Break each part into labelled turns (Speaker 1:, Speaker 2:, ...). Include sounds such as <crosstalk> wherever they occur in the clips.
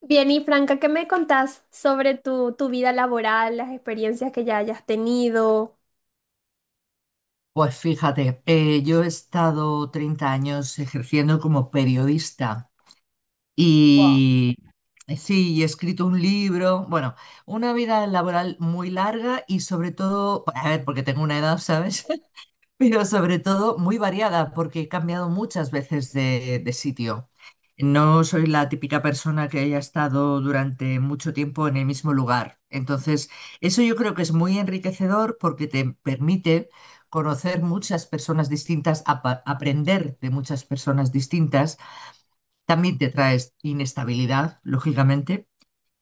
Speaker 1: Bien, y Franca, ¿qué me contás sobre tu vida laboral, las experiencias que ya hayas tenido?
Speaker 2: Pues fíjate, yo he estado 30 años ejerciendo como periodista y sí, y he escrito un libro, bueno, una vida laboral muy larga y sobre todo, a ver, porque tengo una edad, ¿sabes? <laughs> Pero sobre todo muy variada, porque he cambiado muchas veces de sitio. No soy la típica persona que haya estado durante mucho tiempo en el mismo lugar. Entonces, eso yo creo que es muy enriquecedor porque te permite conocer muchas personas distintas, aprender de muchas personas distintas. También te traes inestabilidad, lógicamente,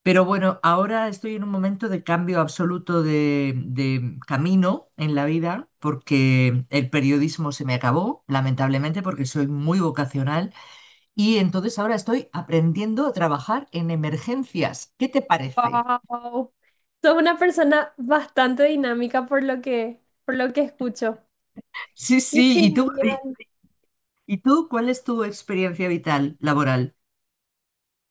Speaker 2: pero bueno, ahora estoy en un momento de cambio absoluto de camino en la vida porque el periodismo se me acabó, lamentablemente, porque soy muy vocacional y entonces ahora estoy aprendiendo a trabajar en emergencias. ¿Qué te parece?
Speaker 1: Wow. Sos una persona bastante dinámica por lo que escucho.
Speaker 2: Sí, sí,
Speaker 1: Qué genial.
Speaker 2: y tú cuál es tu experiencia vital laboral?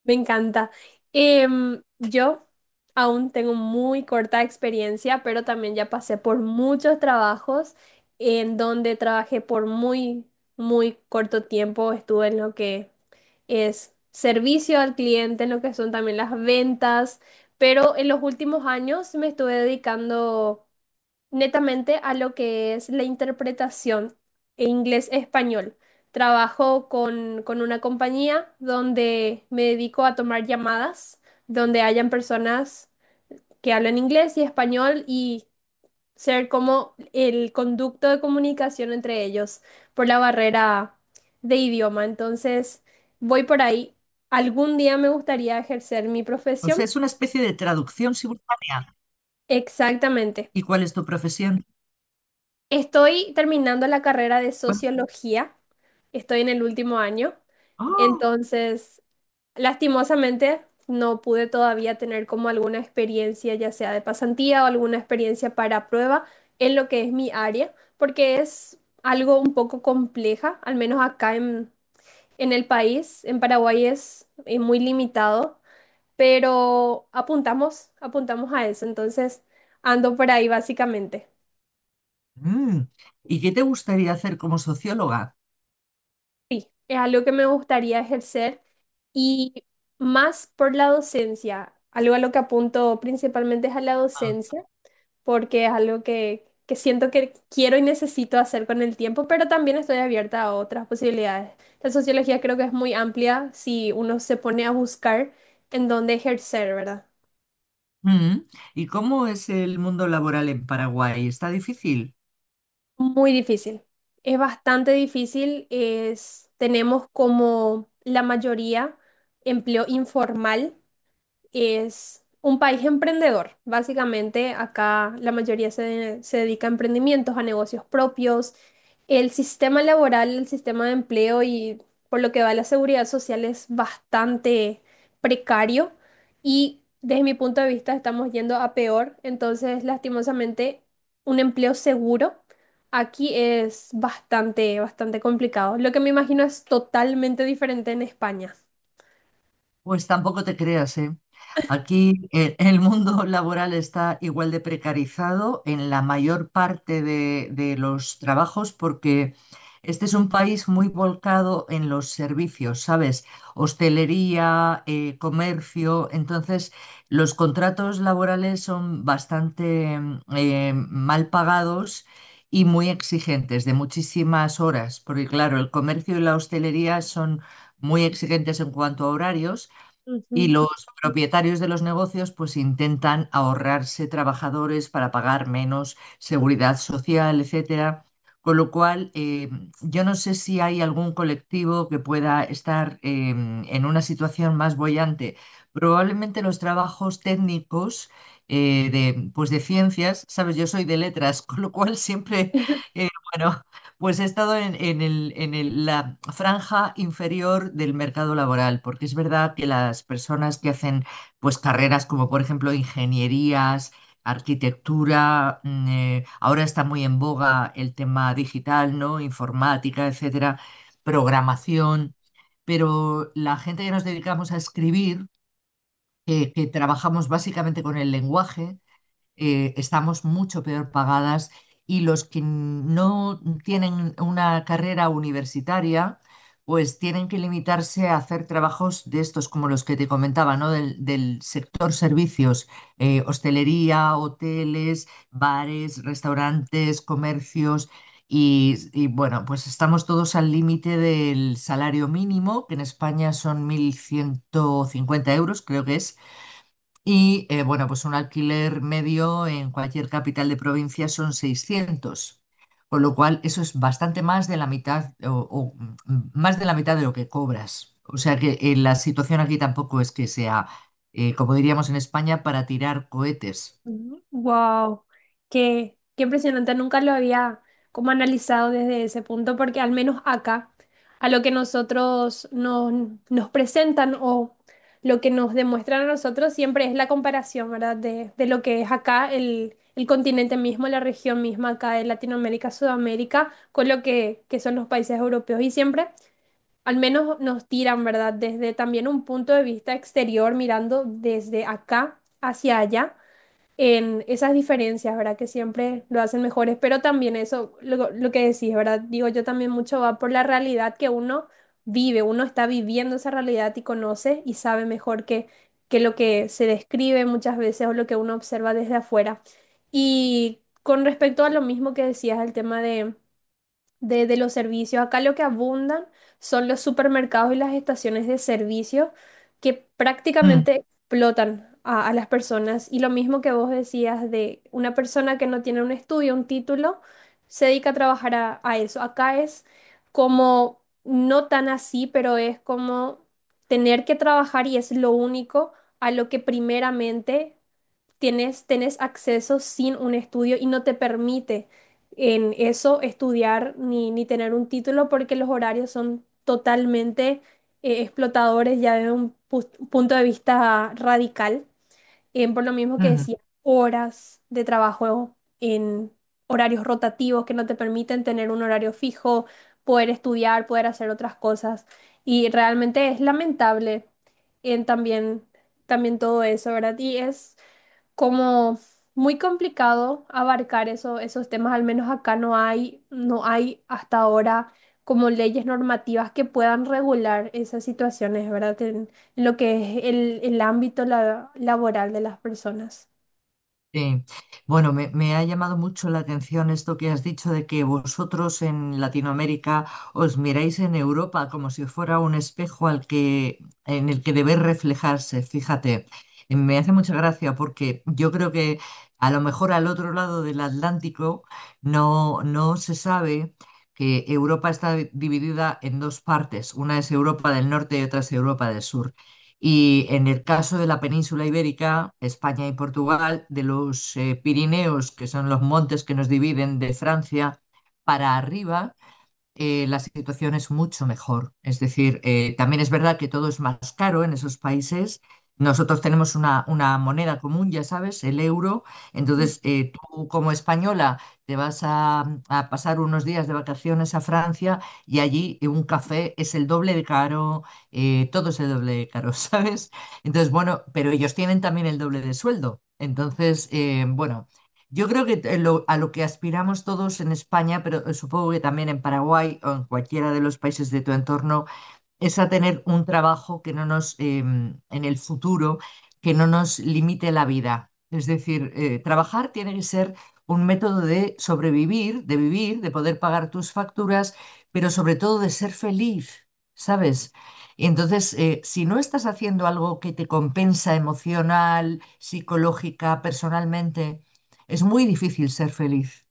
Speaker 1: Me encanta. Yo aún tengo muy corta experiencia, pero también ya pasé por muchos trabajos en donde trabajé por muy corto tiempo. Estuve en lo que es servicio al cliente, en lo que son también las ventas, pero en los últimos años me estuve dedicando netamente a lo que es la interpretación en inglés-español. Trabajo con una compañía donde me dedico a tomar llamadas, donde hayan personas que hablan inglés y español y ser como el conducto de comunicación entre ellos por la barrera de idioma. Entonces, voy por ahí. Algún día me gustaría ejercer mi
Speaker 2: O
Speaker 1: profesión.
Speaker 2: sea, es una especie de traducción simultánea.
Speaker 1: Exactamente.
Speaker 2: ¿Y cuál es tu profesión?
Speaker 1: Estoy terminando la carrera de
Speaker 2: ¿Cuál-
Speaker 1: sociología. Estoy en el último año,
Speaker 2: ¡Oh!
Speaker 1: entonces lastimosamente no pude todavía tener como alguna experiencia, ya sea de pasantía o alguna experiencia para prueba en lo que es mi área, porque es algo un poco compleja, al menos acá en el país, en Paraguay es, muy limitado, pero apuntamos a eso, entonces ando por ahí básicamente.
Speaker 2: Mm. ¿Y qué te gustaría hacer como socióloga?
Speaker 1: Sí, es algo que me gustaría ejercer. Y más por la docencia, algo a lo que apunto principalmente es a la docencia, porque es algo que siento que quiero y necesito hacer con el tiempo, pero también estoy abierta a otras posibilidades. La sociología creo que es muy amplia si uno se pone a buscar en dónde ejercer, ¿verdad?
Speaker 2: Mm. ¿Y cómo es el mundo laboral en Paraguay? ¿Está difícil?
Speaker 1: Muy difícil. Es bastante difícil. Es, tenemos como la mayoría empleo informal, es un país emprendedor. Básicamente, acá la mayoría se dedica a emprendimientos, a negocios propios. El sistema laboral, el sistema de empleo y por lo que va la seguridad social es bastante precario y desde mi punto de vista estamos yendo a peor. Entonces, lastimosamente, un empleo seguro. Aquí es bastante complicado. Lo que me imagino es totalmente diferente en España.
Speaker 2: Pues tampoco te creas, ¿eh? Aquí el mundo laboral está igual de precarizado en la mayor parte de los trabajos porque este es un país muy volcado en los servicios, ¿sabes? Hostelería, comercio, entonces los contratos laborales son bastante mal pagados, y muy exigentes, de muchísimas horas, porque claro, el comercio y la hostelería son muy exigentes en cuanto a horarios, y
Speaker 1: Ujú.
Speaker 2: los propietarios de los negocios pues intentan ahorrarse trabajadores para pagar menos seguridad social, etcétera. Con lo cual, yo no sé si hay algún colectivo que pueda estar en una situación más boyante. Probablemente los trabajos técnicos pues de ciencias, sabes, yo soy de letras, <laughs> con lo cual siempre,
Speaker 1: <laughs>
Speaker 2: bueno, pues he estado en la franja inferior del mercado laboral, porque es verdad que las personas que hacen pues, carreras como por ejemplo ingenierías, arquitectura, ahora está muy en boga el tema digital, ¿no? Informática, etcétera, programación, pero la gente que nos dedicamos a escribir, que trabajamos básicamente con el lenguaje, estamos mucho peor pagadas y los que no tienen una carrera universitaria, pues tienen que limitarse a hacer trabajos de estos como los que te comentaba, ¿no? Del sector servicios, hostelería, hoteles, bares, restaurantes, comercios. Bueno, pues estamos todos al límite del salario mínimo, que en España son 1.150 euros, creo que es. Y bueno, pues un alquiler medio en cualquier capital de provincia son 600, con lo cual eso es bastante más de la mitad o, más de la mitad de lo que cobras. O sea que la situación aquí tampoco es que sea, como diríamos en España, para tirar cohetes.
Speaker 1: Wow, qué impresionante. Nunca lo había como analizado desde ese punto, porque al menos acá, a lo que nosotros nos presentan o lo que nos demuestran a nosotros siempre es la comparación, ¿verdad? De lo que es acá el continente mismo, la región misma acá de Latinoamérica, Sudamérica, con lo que son los países europeos. Y siempre, al menos nos tiran, ¿verdad? Desde también un punto de vista exterior, mirando desde acá hacia allá en esas diferencias, ¿verdad? Que siempre lo hacen mejores, pero también eso, lo que decís, ¿verdad? Digo, yo también mucho va por la realidad que uno vive, uno está viviendo esa realidad y conoce y sabe mejor que lo que se describe muchas veces o lo que uno observa desde afuera. Y con respecto a lo mismo que decías, el tema de de los servicios. Acá lo que abundan son los supermercados y las estaciones de servicio que
Speaker 2: Mm,
Speaker 1: prácticamente explotan a las personas. Y lo mismo que vos decías de una persona que no tiene un estudio, un título, se dedica a trabajar a eso. Acá es como, no tan así, pero es como tener que trabajar y es lo único a lo que primeramente tienes acceso sin un estudio y no te permite en eso estudiar ni tener un título porque los horarios son totalmente explotadores ya desde un punto de vista radical, por lo mismo que
Speaker 2: ujú.
Speaker 1: decía, horas de trabajo en horarios rotativos que no te permiten tener un horario fijo, poder estudiar, poder hacer otras cosas. Y realmente es lamentable en también todo eso, ¿verdad? Y es como muy complicado abarcar eso, esos temas, al menos acá no hay hasta ahora como leyes normativas que puedan regular esas situaciones, ¿verdad? En lo que es el ámbito laboral de las personas.
Speaker 2: Sí. Bueno, me ha llamado mucho la atención esto que has dicho de que vosotros en Latinoamérica os miráis en Europa como si fuera un espejo al que, en el que debéis reflejarse. Fíjate, me hace mucha gracia porque yo creo que a lo mejor al otro lado del Atlántico no se sabe que Europa está dividida en dos partes. Una es Europa del Norte y otra es Europa del Sur. Y en el caso de la península ibérica, España y Portugal, de los Pirineos, que son los montes que nos dividen de Francia, para arriba la situación es mucho mejor. Es decir, también es verdad que todo es más caro en esos países. Nosotros tenemos una moneda común, ya sabes, el euro. Entonces, tú como española te vas a pasar unos días de vacaciones a Francia y allí un café es el doble de caro, todo es el doble de caro, <laughs> ¿sabes? Entonces, bueno, pero ellos tienen también el doble de sueldo. Entonces, bueno, yo creo que a lo que aspiramos todos en España, pero supongo que también en Paraguay o en cualquiera de los países de tu entorno, es a tener un trabajo que no nos, en el futuro, que no nos limite la vida. Es decir, trabajar tiene que ser un método de sobrevivir, de vivir, de poder pagar tus facturas, pero sobre todo de ser feliz, ¿sabes? Entonces, si no estás haciendo algo que te compensa emocional, psicológica, personalmente, es muy difícil ser feliz.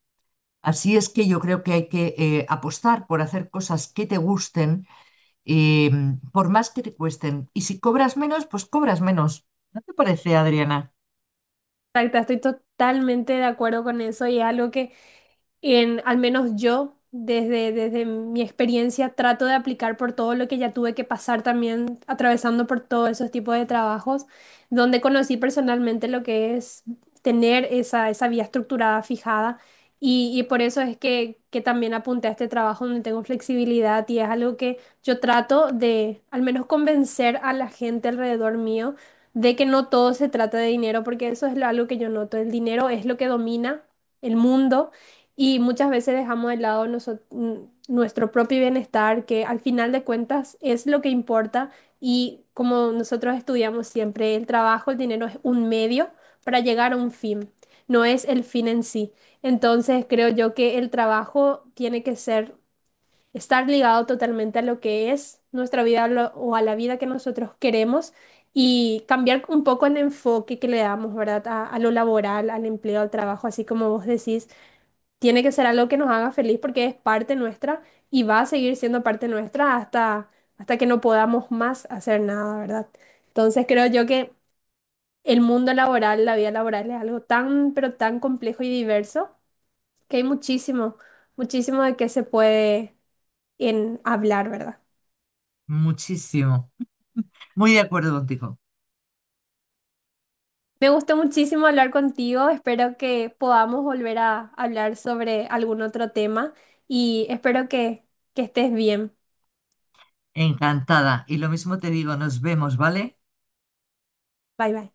Speaker 2: Así es que yo creo que hay que apostar por hacer cosas que te gusten eh, por más que te cuesten. Y si cobras menos, pues cobras menos. ¿No te parece, Adriana?
Speaker 1: Exacto, estoy totalmente de acuerdo con eso y es algo que en, al menos yo, desde mi experiencia, trato de aplicar por todo lo que ya tuve que pasar también, atravesando por todos esos tipos de trabajos, donde conocí personalmente lo que es tener esa vía estructurada fijada. Y por eso es que también apunté a este trabajo donde tengo flexibilidad y es algo que yo trato de al menos convencer a la gente alrededor mío de que no todo se trata de dinero, porque eso es algo que yo noto. El dinero es lo que domina el mundo y muchas veces dejamos de lado nuestro propio bienestar, que al final de cuentas es lo que importa. Y como nosotros estudiamos siempre, el trabajo, el dinero es un medio para llegar a un fin, no es el fin en sí. Entonces creo yo que el trabajo tiene que ser, estar ligado totalmente a lo que es nuestra vida o a la vida que nosotros queremos y cambiar un poco el enfoque que le damos, ¿verdad? A lo laboral, al empleo, al trabajo, así como vos decís. Tiene que ser algo que nos haga feliz porque es parte nuestra y va a seguir siendo parte nuestra hasta que no podamos más hacer nada, ¿verdad? Entonces creo yo que el mundo laboral, la vida laboral es algo tan, pero tan complejo y diverso que hay muchísimo de qué se puede en hablar, ¿verdad?
Speaker 2: Muchísimo. Muy de acuerdo contigo.
Speaker 1: Me gustó muchísimo hablar contigo, espero que podamos volver a hablar sobre algún otro tema y espero que estés bien.
Speaker 2: Encantada. Y lo mismo te digo, nos vemos, ¿vale?
Speaker 1: Bye bye.